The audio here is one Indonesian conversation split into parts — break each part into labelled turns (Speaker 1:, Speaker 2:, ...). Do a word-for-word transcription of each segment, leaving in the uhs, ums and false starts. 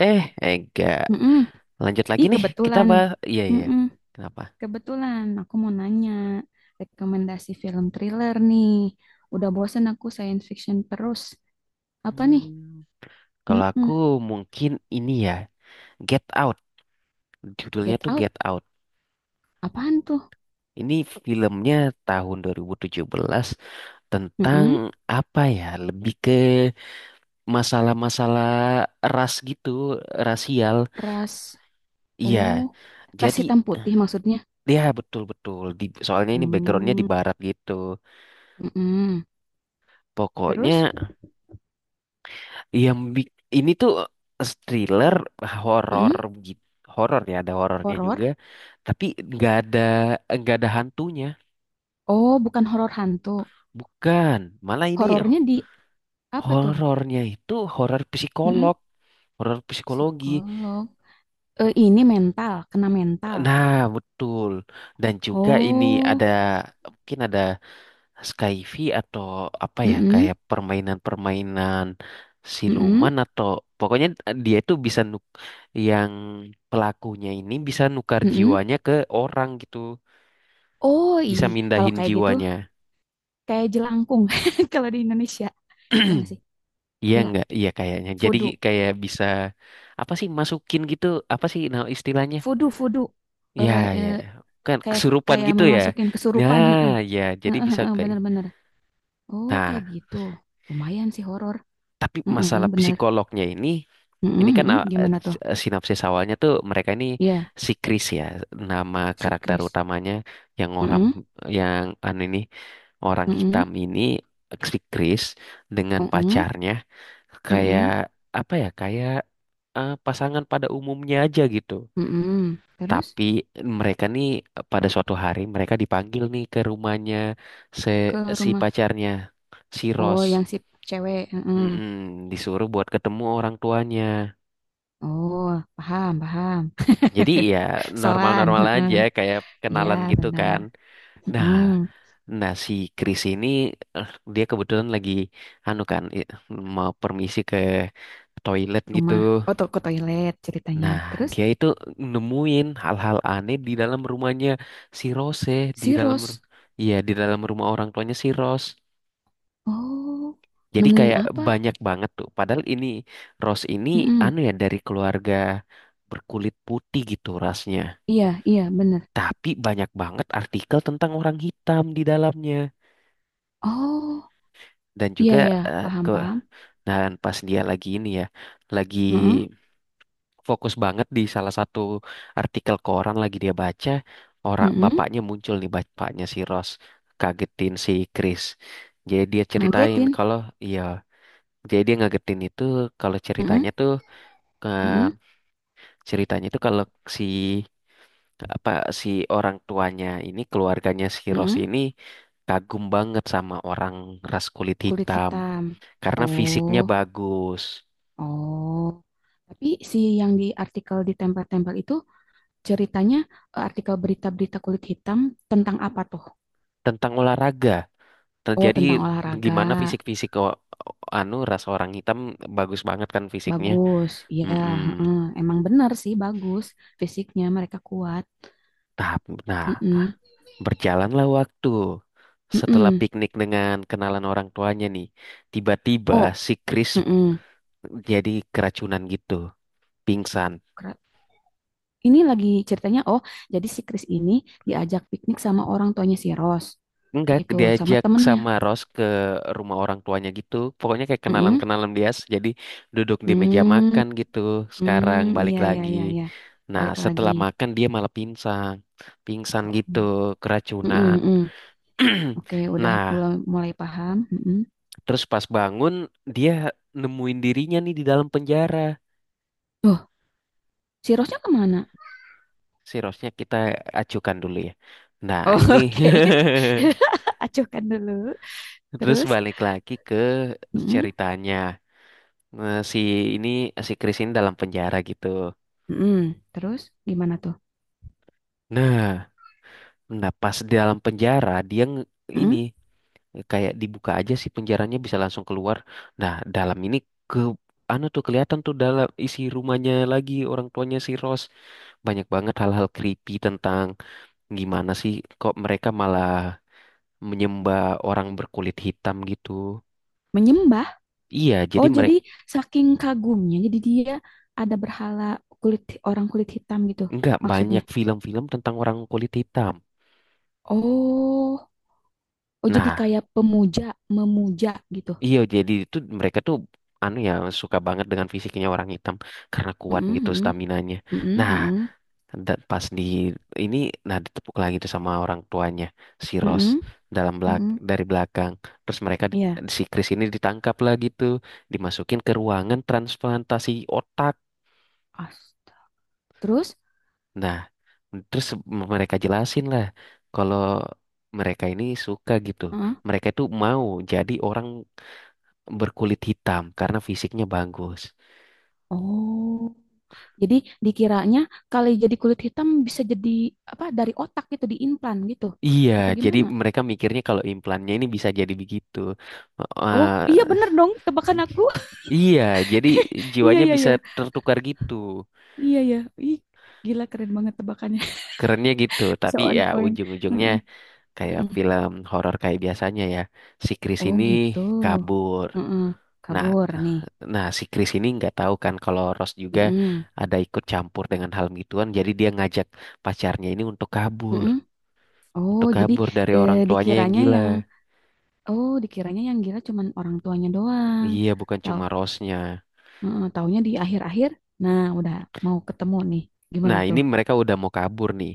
Speaker 1: Eh, enggak.
Speaker 2: Mm-mm.
Speaker 1: Lanjut lagi
Speaker 2: Ih,
Speaker 1: nih. Kita
Speaker 2: kebetulan.
Speaker 1: bahas. Iya, iya.
Speaker 2: Mm-mm.
Speaker 1: Kenapa?
Speaker 2: Kebetulan aku mau nanya rekomendasi film thriller nih. Udah bosen aku science fiction terus. Apa nih?
Speaker 1: Hmm. Kalau aku
Speaker 2: Mm-mm.
Speaker 1: mungkin ini ya. Get Out. Judulnya
Speaker 2: Get
Speaker 1: tuh
Speaker 2: Out.
Speaker 1: Get Out.
Speaker 2: Apaan tuh?
Speaker 1: Ini filmnya tahun dua ribu tujuh belas tentang
Speaker 2: Mm-mm.
Speaker 1: apa ya? Lebih ke masalah-masalah ras gitu, rasial.
Speaker 2: Ras.
Speaker 1: Iya.
Speaker 2: Oh, ras
Speaker 1: Jadi,
Speaker 2: hitam putih maksudnya.
Speaker 1: ya betul-betul. Di, soalnya ini backgroundnya di
Speaker 2: Hmm.
Speaker 1: barat gitu.
Speaker 2: Mm-mm. Terus?
Speaker 1: Pokoknya Yang bik- ini tuh thriller, horor
Speaker 2: Mm-mm.
Speaker 1: gitu, horor ya ada horornya juga,
Speaker 2: Horor.
Speaker 1: tapi nggak ada nggak ada hantunya,
Speaker 2: Oh, bukan horor hantu.
Speaker 1: bukan. Malah ini
Speaker 2: Horornya di apa tuh?
Speaker 1: horornya itu horor
Speaker 2: Mm-mm.
Speaker 1: psikolog, horor psikologi.
Speaker 2: Psikolog. Eh, ini mental, kena mental.
Speaker 1: Nah, betul. Dan juga ini ada
Speaker 2: Oh.
Speaker 1: mungkin ada Skyfi atau apa ya
Speaker 2: Mm-mm.
Speaker 1: kayak permainan-permainan
Speaker 2: Mm-mm,
Speaker 1: siluman atau pokoknya eh, dia itu bisa nuk yang pelakunya ini bisa nukar
Speaker 2: mm-mm.
Speaker 1: jiwanya ke orang gitu
Speaker 2: Oh iya,
Speaker 1: bisa
Speaker 2: kalau
Speaker 1: mindahin
Speaker 2: kayak gitu
Speaker 1: jiwanya
Speaker 2: kayak jelangkung kalau di Indonesia. Ya nggak sih?
Speaker 1: iya
Speaker 2: Enggak.
Speaker 1: nggak iya kayaknya jadi
Speaker 2: Fudu.
Speaker 1: kayak bisa apa sih masukin gitu apa sih nah istilahnya
Speaker 2: Fudu, fudu.
Speaker 1: ya
Speaker 2: Eh,
Speaker 1: ya
Speaker 2: eh,
Speaker 1: kan
Speaker 2: kayak fu-
Speaker 1: kesurupan
Speaker 2: kayak
Speaker 1: gitu ya
Speaker 2: memasukin kesurupan,
Speaker 1: nah
Speaker 2: heeh.
Speaker 1: ya jadi
Speaker 2: Heeh,
Speaker 1: bisa
Speaker 2: heeh,
Speaker 1: kayak
Speaker 2: bener-bener. Oh, kayak
Speaker 1: nah
Speaker 2: gitu. Lumayan sih horor.
Speaker 1: tapi
Speaker 2: Heeh,
Speaker 1: masalah
Speaker 2: bener.
Speaker 1: psikolognya ini. Ini
Speaker 2: Heeh,
Speaker 1: kan
Speaker 2: heeh.
Speaker 1: uh, eh,
Speaker 2: Gimana tuh?
Speaker 1: eh, sinopsis awalnya tuh mereka ini
Speaker 2: Iya,
Speaker 1: si Chris ya, nama
Speaker 2: si
Speaker 1: karakter
Speaker 2: Chris.
Speaker 1: utamanya yang orang
Speaker 2: Heeh,
Speaker 1: yang an ini, orang
Speaker 2: heeh,
Speaker 1: hitam ini, si Chris dengan
Speaker 2: heeh,
Speaker 1: pacarnya, kayak
Speaker 2: heeh,
Speaker 1: apa ya kayak eh, pasangan pada umumnya aja gitu.
Speaker 2: heeh. Terus
Speaker 1: Tapi mereka nih eh, pada suatu hari mereka dipanggil nih ke rumahnya se
Speaker 2: ke
Speaker 1: si
Speaker 2: rumah.
Speaker 1: pacarnya, si
Speaker 2: Oh,
Speaker 1: Ross.
Speaker 2: yang si cewek, heeh.
Speaker 1: Mm-mm, disuruh buat ketemu orang tuanya.
Speaker 2: Oh, paham, paham.
Speaker 1: Jadi ya
Speaker 2: Soan,
Speaker 1: normal-normal
Speaker 2: heeh.
Speaker 1: aja kayak
Speaker 2: Iya,
Speaker 1: kenalan gitu kan.
Speaker 2: benar.
Speaker 1: Nah,
Speaker 2: Mm-mm,
Speaker 1: nah si Chris ini eh, dia kebetulan lagi anu kan, i- mau permisi ke toilet gitu.
Speaker 2: rumah, oh to- ke toilet ceritanya.
Speaker 1: Nah,
Speaker 2: Terus
Speaker 1: dia itu nemuin hal-hal aneh di dalam rumahnya si Rose, di
Speaker 2: si
Speaker 1: dalam
Speaker 2: Rose,
Speaker 1: ru- iya, di dalam rumah orang tuanya si Rose.
Speaker 2: oh
Speaker 1: Jadi
Speaker 2: nemuin
Speaker 1: kayak
Speaker 2: apa?
Speaker 1: banyak banget tuh. Padahal ini Rose ini
Speaker 2: Mm-mm.
Speaker 1: anu ya, dari keluarga berkulit putih gitu rasnya.
Speaker 2: Iya, iya benar.
Speaker 1: Tapi banyak banget artikel tentang orang hitam di dalamnya.
Speaker 2: Oh,
Speaker 1: Dan
Speaker 2: iya
Speaker 1: juga
Speaker 2: iya, iya.
Speaker 1: eh,
Speaker 2: Paham
Speaker 1: ke
Speaker 2: paham.
Speaker 1: dan pas dia lagi ini ya, lagi
Speaker 2: Mm-mm,
Speaker 1: fokus banget di salah satu artikel koran lagi dia baca, orang
Speaker 2: mm-mm.
Speaker 1: bapaknya muncul nih, bapaknya si Ross, kagetin si Chris. Jadi dia ceritain
Speaker 2: Ngagetin.
Speaker 1: kalau iya, jadi dia ngagetin itu kalau
Speaker 2: Mm-mm,
Speaker 1: ceritanya tuh eh,
Speaker 2: mm-mm,
Speaker 1: ceritanya itu kalau si apa si orang tuanya ini, keluarganya si Rose
Speaker 2: mm-mm.
Speaker 1: ini, kagum banget sama orang ras kulit
Speaker 2: Kulit
Speaker 1: hitam
Speaker 2: hitam.
Speaker 1: karena fisiknya
Speaker 2: Oh,
Speaker 1: bagus.
Speaker 2: oh. Tapi si yang di artikel di tempel-tempel itu ceritanya eh, artikel berita-berita kulit hitam tentang apa tuh?
Speaker 1: Tentang olahraga,
Speaker 2: Oh,
Speaker 1: terjadi
Speaker 2: tentang olahraga.
Speaker 1: gimana fisik-fisik o- anu, ras orang hitam bagus banget kan fisiknya.
Speaker 2: Bagus, iya,
Speaker 1: Mm-mm.
Speaker 2: heeh. Emang benar sih bagus fisiknya mereka kuat.
Speaker 1: Nah, nah,
Speaker 2: Mm-mm,
Speaker 1: berjalanlah waktu. Setelah
Speaker 2: mm-mm.
Speaker 1: piknik dengan kenalan orang tuanya nih, tiba-tiba
Speaker 2: Oh,
Speaker 1: si Chris
Speaker 2: mm-mm.
Speaker 1: jadi keracunan gitu, pingsan.
Speaker 2: Kera- Ini lagi ceritanya. Oh, jadi si Chris ini diajak piknik sama orang tuanya si Rose,
Speaker 1: Enggak,
Speaker 2: gitu, sama
Speaker 1: diajak
Speaker 2: temennya.
Speaker 1: sama Ros ke rumah orang tuanya gitu. Pokoknya kayak
Speaker 2: Mm-mm.
Speaker 1: kenalan-kenalan dia, jadi duduk di meja
Speaker 2: Hmm,
Speaker 1: makan gitu. Sekarang
Speaker 2: hmm,
Speaker 1: balik
Speaker 2: iya, iya,
Speaker 1: lagi.
Speaker 2: iya, iya.
Speaker 1: Nah,
Speaker 2: Balik lagi.
Speaker 1: setelah makan dia malah pingsan. Pingsan
Speaker 2: Oh,
Speaker 1: gitu,
Speaker 2: mm-mm,
Speaker 1: keracunan.
Speaker 2: mm-mm. Oke, udah
Speaker 1: Nah,
Speaker 2: mulai, mulai paham. Mm-mm.
Speaker 1: terus pas bangun dia nemuin dirinya nih di dalam penjara.
Speaker 2: Tuh, si Rose-nya kemana?
Speaker 1: Si Rosnya kita acukan dulu ya. Nah,
Speaker 2: Oh,
Speaker 1: ini
Speaker 2: oke, acuhkan dulu.
Speaker 1: terus
Speaker 2: Terus,
Speaker 1: balik lagi ke
Speaker 2: mm-mm.
Speaker 1: ceritanya. Nah, si ini si Chris ini dalam penjara gitu.
Speaker 2: Mm-mm. Terus gimana tuh?
Speaker 1: Nah, nah pas di dalam penjara dia nge- ini,
Speaker 2: Mm-mm.
Speaker 1: kayak dibuka aja sih penjaranya, bisa langsung keluar. Nah, dalam ini ke anu tuh, kelihatan tuh dalam isi rumahnya lagi, orang tuanya si Ross. Banyak banget hal-hal creepy tentang gimana sih kok mereka malah menyembah orang berkulit hitam gitu.
Speaker 2: Menyembah.
Speaker 1: Iya, jadi
Speaker 2: Oh,
Speaker 1: mereka
Speaker 2: jadi saking kagumnya, jadi dia ada berhala kulit orang kulit hitam gitu
Speaker 1: nggak,
Speaker 2: maksudnya.
Speaker 1: banyak film-film tentang orang kulit hitam.
Speaker 2: Oh, oh jadi
Speaker 1: Nah,
Speaker 2: kayak pemuja, memuja gitu.
Speaker 1: iya, jadi itu mereka tuh anu ya, suka banget dengan fisiknya orang hitam karena
Speaker 2: Mm-mm,
Speaker 1: kuat gitu
Speaker 2: mm-mm,
Speaker 1: staminanya.
Speaker 2: mm-mm,
Speaker 1: Nah,
Speaker 2: mm-mm,
Speaker 1: da- pas di ini, nah ditepuk lagi tuh sama orang tuanya si Ross,
Speaker 2: mm-mm,
Speaker 1: dalam belak
Speaker 2: mm-mm.
Speaker 1: dari belakang. Terus mereka di-
Speaker 2: Iya.
Speaker 1: si Chris ini ditangkap lah gitu, dimasukin ke ruangan transplantasi otak.
Speaker 2: Astaga. Terus,
Speaker 1: Nah, terus m- mereka jelasin lah kalau mereka ini suka gitu.
Speaker 2: mm-mm.
Speaker 1: Mereka itu mau jadi orang berkulit hitam karena fisiknya bagus.
Speaker 2: Oh, jadi dikiranya kali jadi kulit hitam bisa jadi apa dari otak gitu diimplan gitu.
Speaker 1: Iya,
Speaker 2: Apa
Speaker 1: jadi
Speaker 2: gimana?
Speaker 1: mereka mikirnya kalau implannya ini bisa jadi begitu.
Speaker 2: Oh, iya
Speaker 1: Eh,
Speaker 2: bener dong tebakan aku.
Speaker 1: iya, jadi
Speaker 2: Iya,
Speaker 1: jiwanya
Speaker 2: iya,
Speaker 1: bisa
Speaker 2: iya.
Speaker 1: tertukar gitu.
Speaker 2: Iya, iya. Ih, gila keren banget tebakannya.
Speaker 1: Kerennya gitu,
Speaker 2: Bisa
Speaker 1: tapi
Speaker 2: on
Speaker 1: ya
Speaker 2: point. Heeh,
Speaker 1: ujung-ujungnya kayak
Speaker 2: heeh.
Speaker 1: film horor kayak biasanya ya. Si Chris
Speaker 2: Oh,
Speaker 1: ini
Speaker 2: gitu.
Speaker 1: kabur.
Speaker 2: Heeh.
Speaker 1: Nah,
Speaker 2: Kabur nih.
Speaker 1: nah si Chris ini nggak tahu kan kalau Ross juga
Speaker 2: Heeh,
Speaker 1: ada ikut campur dengan hal gituan, jadi dia ngajak pacarnya ini untuk kabur,
Speaker 2: heeh. Oh,
Speaker 1: untuk
Speaker 2: jadi
Speaker 1: kabur dari
Speaker 2: eh,
Speaker 1: orang tuanya yang
Speaker 2: dikiranya
Speaker 1: gila.
Speaker 2: yang oh, dikiranya yang gila cuman orang tuanya doang.
Speaker 1: Iya, bukan
Speaker 2: Tahu,
Speaker 1: cuma Rossnya.
Speaker 2: heeh, taunya di akhir-akhir. Nah, udah mau ketemu nih. Gimana
Speaker 1: Nah, ini
Speaker 2: tuh?
Speaker 1: mereka udah mau kabur nih.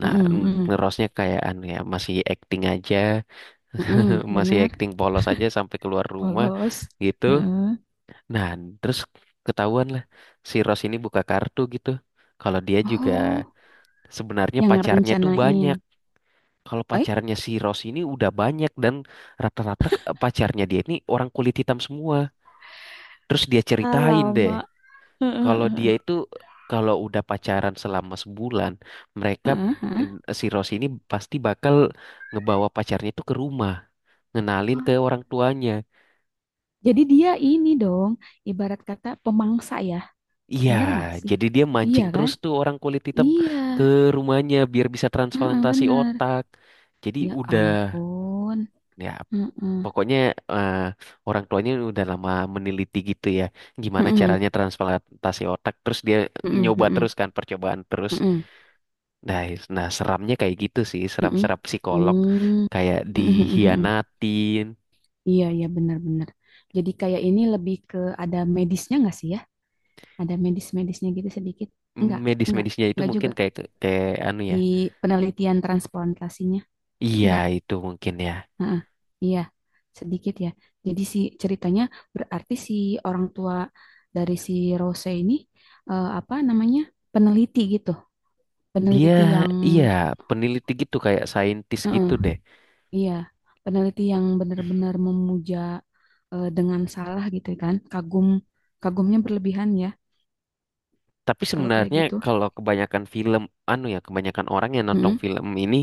Speaker 1: Nah,
Speaker 2: Heeh,
Speaker 1: n-
Speaker 2: heeh.
Speaker 1: ngerosnya kayak anu ya, masih acting aja,
Speaker 2: Heeh,
Speaker 1: masih
Speaker 2: benar.
Speaker 1: acting polos aja sampai keluar rumah
Speaker 2: Polos.
Speaker 1: gitu.
Speaker 2: Heeh.
Speaker 1: Nah, terus ketahuan lah si Ros ini buka kartu gitu. Kalau dia juga
Speaker 2: Oh,
Speaker 1: sebenarnya
Speaker 2: yang
Speaker 1: pacarnya tuh banyak.
Speaker 2: rencanain.
Speaker 1: Kalau
Speaker 2: Eh,
Speaker 1: pacarnya si Ros ini udah banyak, dan rata-rata ke- pacarnya dia ini orang kulit hitam semua. Terus dia ceritain deh.
Speaker 2: alamak.
Speaker 1: Kalau dia itu, kalau udah pacaran selama sebulan, mereka
Speaker 2: Heeh.
Speaker 1: eh, si Rose ini pasti bakal ngebawa pacarnya itu ke rumah, ngenalin ke
Speaker 2: Wah,
Speaker 1: orang tuanya.
Speaker 2: jadi dia ini dong, ibarat kata pemangsa ya.
Speaker 1: Iya,
Speaker 2: Bener nggak sih?
Speaker 1: jadi dia
Speaker 2: Iya
Speaker 1: mancing terus
Speaker 2: kan?
Speaker 1: tuh orang kulit hitam
Speaker 2: Iya,
Speaker 1: ke rumahnya biar bisa
Speaker 2: heeh,
Speaker 1: transplantasi
Speaker 2: bener.
Speaker 1: otak. Jadi
Speaker 2: Ya
Speaker 1: udah
Speaker 2: ampun.
Speaker 1: ya, pokoknya eh, orang tuanya udah lama meneliti gitu ya, gimana
Speaker 2: Heeh,
Speaker 1: caranya
Speaker 2: heeh,
Speaker 1: transplantasi otak. Terus dia
Speaker 2: heeh,
Speaker 1: nyoba
Speaker 2: heeh,
Speaker 1: terus, kan percobaan terus.
Speaker 2: heeh,
Speaker 1: Nah, nah seramnya kayak gitu sih,
Speaker 2: heeh.
Speaker 1: seram-seram psikolog,
Speaker 2: Hmm,
Speaker 1: kayak
Speaker 2: heeh, heeh, heeh.
Speaker 1: dihianatin.
Speaker 2: Iya, iya benar-benar. Jadi kayak ini lebih ke ada medisnya nggak sih ya? Ada medis-medisnya gitu sedikit? Enggak, enggak,
Speaker 1: Medis-medisnya itu
Speaker 2: enggak
Speaker 1: mungkin
Speaker 2: juga.
Speaker 1: kayak kayak anu ya.
Speaker 2: Di penelitian transplantasinya,
Speaker 1: Iya,
Speaker 2: enggak.
Speaker 1: itu mungkin ya.
Speaker 2: Heeh, iya, sedikit ya. Jadi si ceritanya berarti si orang tua dari si Rose ini eh, apa namanya? Peneliti gitu.
Speaker 1: Dia,
Speaker 2: Peneliti yang
Speaker 1: iya, peneliti gitu kayak saintis
Speaker 2: heeh,
Speaker 1: gitu deh.
Speaker 2: iya, peneliti yang benar-benar memuja eh, dengan salah gitu kan. Kagum kagumnya berlebihan ya
Speaker 1: Tapi
Speaker 2: kalau kayak
Speaker 1: sebenarnya
Speaker 2: gitu.
Speaker 1: kalau kebanyakan film anu ya, kebanyakan orang yang nonton
Speaker 2: Heeh,
Speaker 1: film ini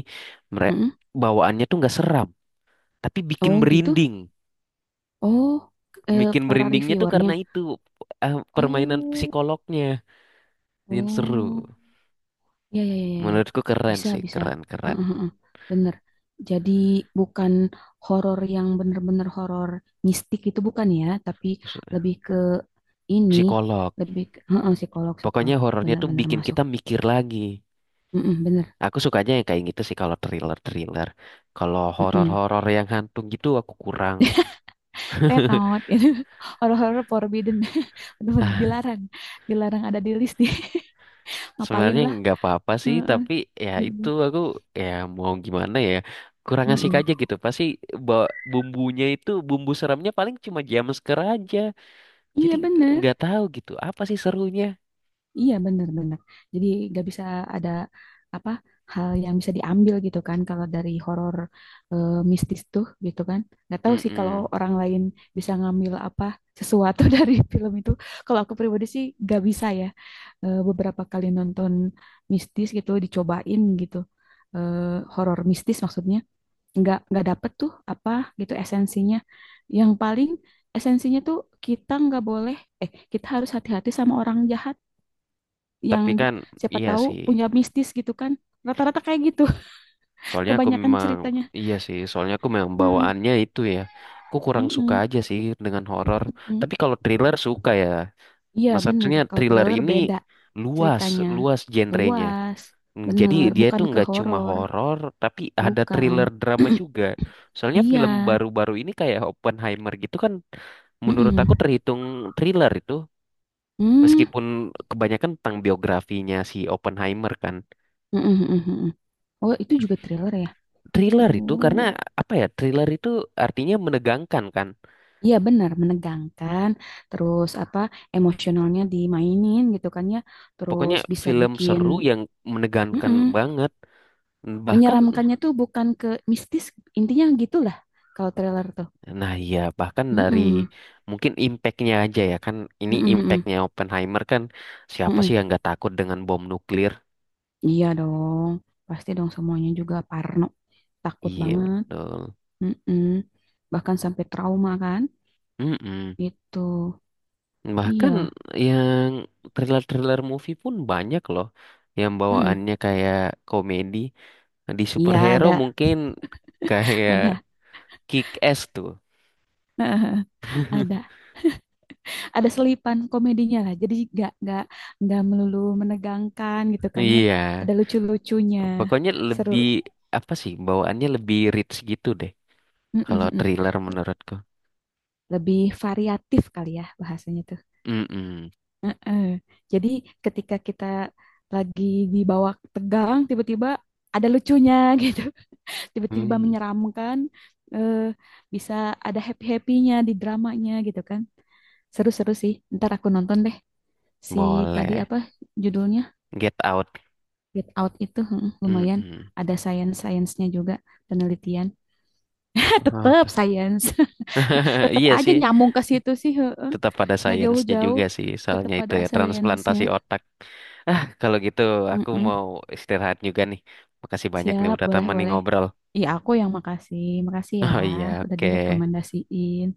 Speaker 1: mere-
Speaker 2: heeh.
Speaker 1: bawaannya tuh nggak seram, tapi bikin
Speaker 2: Oh, gitu.
Speaker 1: merinding.
Speaker 2: Oh, eh,
Speaker 1: Bikin
Speaker 2: para
Speaker 1: merindingnya tuh karena
Speaker 2: reviewernya.
Speaker 1: itu eh, permainan
Speaker 2: Oh,
Speaker 1: psikolognya yang seru.
Speaker 2: oh. Ya, ya, ya, ya, ya.
Speaker 1: Menurutku keren
Speaker 2: Bisa,
Speaker 1: sih,
Speaker 2: bisa.
Speaker 1: keren keren.
Speaker 2: Heeh, heeh. Bener. Jadi bukan horor yang bener-bener horor mistik itu bukan ya, tapi lebih ke ini,
Speaker 1: Psikolog.
Speaker 2: lebih ke heeh, psikolog,
Speaker 1: Pokoknya
Speaker 2: psikolog.
Speaker 1: horornya tuh
Speaker 2: Bener-bener
Speaker 1: bikin
Speaker 2: masuk.
Speaker 1: kita mikir lagi.
Speaker 2: Heeh, bener.
Speaker 1: Aku sukanya yang kayak gitu sih kalau thriller-thriller. Kalau
Speaker 2: Heeh.
Speaker 1: horor-horor yang hantu gitu aku kurang.
Speaker 2: Tetot, gitu. Horor-horor forbidden. Bener-bener
Speaker 1: Ah,
Speaker 2: dilarang. Dilarang ada di list nih. Ngapain
Speaker 1: sebenarnya
Speaker 2: lah.
Speaker 1: nggak apa-apa sih,
Speaker 2: Heeh.
Speaker 1: tapi ya itu
Speaker 2: Heeh.
Speaker 1: aku, ya mau gimana ya. Kurang asik
Speaker 2: Heeh.
Speaker 1: aja gitu. Pasti bawa bumbunya itu, bumbu seramnya paling cuma jumpscare aja. Jadi
Speaker 2: Iya bener.
Speaker 1: nggak tahu gitu apa sih serunya.
Speaker 2: Iya benar-benar. Jadi gak bisa ada apa hal yang bisa diambil gitu kan kalau dari horor eh, mistis tuh gitu kan. Gak tahu sih kalau
Speaker 1: Mm-mm.
Speaker 2: orang lain bisa ngambil apa sesuatu dari film itu. Kalau aku pribadi sih gak bisa ya. Eh, beberapa kali nonton mistis gitu dicobain gitu. Eh, horor mistis maksudnya nggak nggak dapet tuh apa gitu esensinya. Yang paling esensinya tuh kita nggak boleh eh kita harus hati-hati sama orang jahat yang
Speaker 1: Tapi kan
Speaker 2: siapa
Speaker 1: iya
Speaker 2: tahu
Speaker 1: sih.
Speaker 2: punya mistis gitu kan. Rata-rata kayak gitu,
Speaker 1: Soalnya aku
Speaker 2: kebanyakan
Speaker 1: memang,
Speaker 2: ceritanya.
Speaker 1: iya sih, soalnya aku memang
Speaker 2: Heeh,
Speaker 1: bawaannya itu ya. Aku kurang suka
Speaker 2: heeh,
Speaker 1: aja sih dengan horor.
Speaker 2: heeh.
Speaker 1: Tapi kalau thriller suka ya.
Speaker 2: Iya bener,
Speaker 1: Maksudnya
Speaker 2: kalau
Speaker 1: thriller
Speaker 2: thriller
Speaker 1: ini
Speaker 2: beda
Speaker 1: luas,
Speaker 2: ceritanya.
Speaker 1: luas genrenya.
Speaker 2: Luas,
Speaker 1: Hmm, jadi
Speaker 2: bener.
Speaker 1: dia itu
Speaker 2: Bukan ke
Speaker 1: nggak cuma
Speaker 2: horor,
Speaker 1: horor, tapi ada
Speaker 2: bukan.
Speaker 1: thriller drama juga. Soalnya film
Speaker 2: Iya,
Speaker 1: baru-baru ini kayak Oppenheimer gitu kan, menurut
Speaker 2: heeh.
Speaker 1: aku terhitung thriller itu.
Speaker 2: Hmm,
Speaker 1: Meskipun kebanyakan tentang biografinya si Oppenheimer kan.
Speaker 2: heeh, heeh, heeh. Oh, itu juga thriller ya?
Speaker 1: Thriller itu
Speaker 2: Oh,
Speaker 1: karena apa ya? Thriller itu artinya menegangkan kan.
Speaker 2: iya benar, menegangkan, terus apa emosionalnya dimainin gitu kan ya,
Speaker 1: Pokoknya
Speaker 2: terus bisa
Speaker 1: film
Speaker 2: bikin,
Speaker 1: seru yang menegangkan
Speaker 2: mm-mm.
Speaker 1: banget. Bahkan,
Speaker 2: Menyeramkannya tuh bukan ke mistis, intinya gitulah kalau trailer tuh.
Speaker 1: nah iya, bahkan dari
Speaker 2: Mm-mm.
Speaker 1: mungkin impactnya aja ya kan. Ini
Speaker 2: Mm-mm, mm-mm,
Speaker 1: impactnya Oppenheimer kan. Siapa
Speaker 2: mm-mm.
Speaker 1: sih yang nggak takut dengan bom nuklir?
Speaker 2: Iya dong, pasti dong semuanya juga parno, takut
Speaker 1: Iya
Speaker 2: banget.
Speaker 1: betul.
Speaker 2: Mm-mm. Bahkan sampai trauma kan,
Speaker 1: Mm-mm.
Speaker 2: gitu.
Speaker 1: Bahkan
Speaker 2: Iya,
Speaker 1: yang thriller-thriller movie pun banyak loh. Yang
Speaker 2: mm-mm.
Speaker 1: bawaannya kayak komedi. Di
Speaker 2: Iya
Speaker 1: superhero
Speaker 2: ada,
Speaker 1: mungkin kayak
Speaker 2: ada,
Speaker 1: Kick Ass tuh.
Speaker 2: heeh, ada, ada selipan komedinya lah. Jadi gak gak nggak melulu menegangkan gitu kan ya.
Speaker 1: Iya,
Speaker 2: Ada lucu-lucunya,
Speaker 1: pokoknya
Speaker 2: seru.
Speaker 1: lebih, apa sih, bawaannya lebih rich gitu deh.
Speaker 2: Mm-mm,
Speaker 1: Kalau
Speaker 2: mm-mm.
Speaker 1: thriller menurutku.
Speaker 2: Lebih variatif kali ya bahasanya.
Speaker 1: Mm-mm.
Speaker 2: Heeh. Jadi ketika kita lagi dibawa tegang, tiba-tiba ada lucunya gitu, tiba-tiba
Speaker 1: Hmm,
Speaker 2: menyeramkan, eh, bisa ada happy-happynya di dramanya gitu kan. Seru-seru sih. Ntar aku nonton deh si tadi
Speaker 1: boleh.
Speaker 2: apa judulnya
Speaker 1: Get Out.
Speaker 2: Get Out itu heeh, lumayan
Speaker 1: Mm-mm.
Speaker 2: ada science-science-nya juga penelitian. Tetep
Speaker 1: Oke.
Speaker 2: science, tetep
Speaker 1: Iya
Speaker 2: aja
Speaker 1: sih,
Speaker 2: nyambung ke situ sih, heeh.
Speaker 1: tetap pada
Speaker 2: Nggak
Speaker 1: sainsnya
Speaker 2: jauh-jauh,
Speaker 1: juga sih.
Speaker 2: tetep
Speaker 1: Soalnya itu
Speaker 2: pada
Speaker 1: ya
Speaker 2: science-nya.
Speaker 1: transplantasi otak. Ah, kalau gitu aku
Speaker 2: Heeh.
Speaker 1: mau istirahat juga nih. Makasih banyak nih
Speaker 2: Siap,
Speaker 1: udah temenin
Speaker 2: boleh-boleh.
Speaker 1: ngobrol.
Speaker 2: Iya, aku yang makasih. Makasih ya,
Speaker 1: Oh iya,
Speaker 2: udah
Speaker 1: oke.
Speaker 2: direkomendasiin.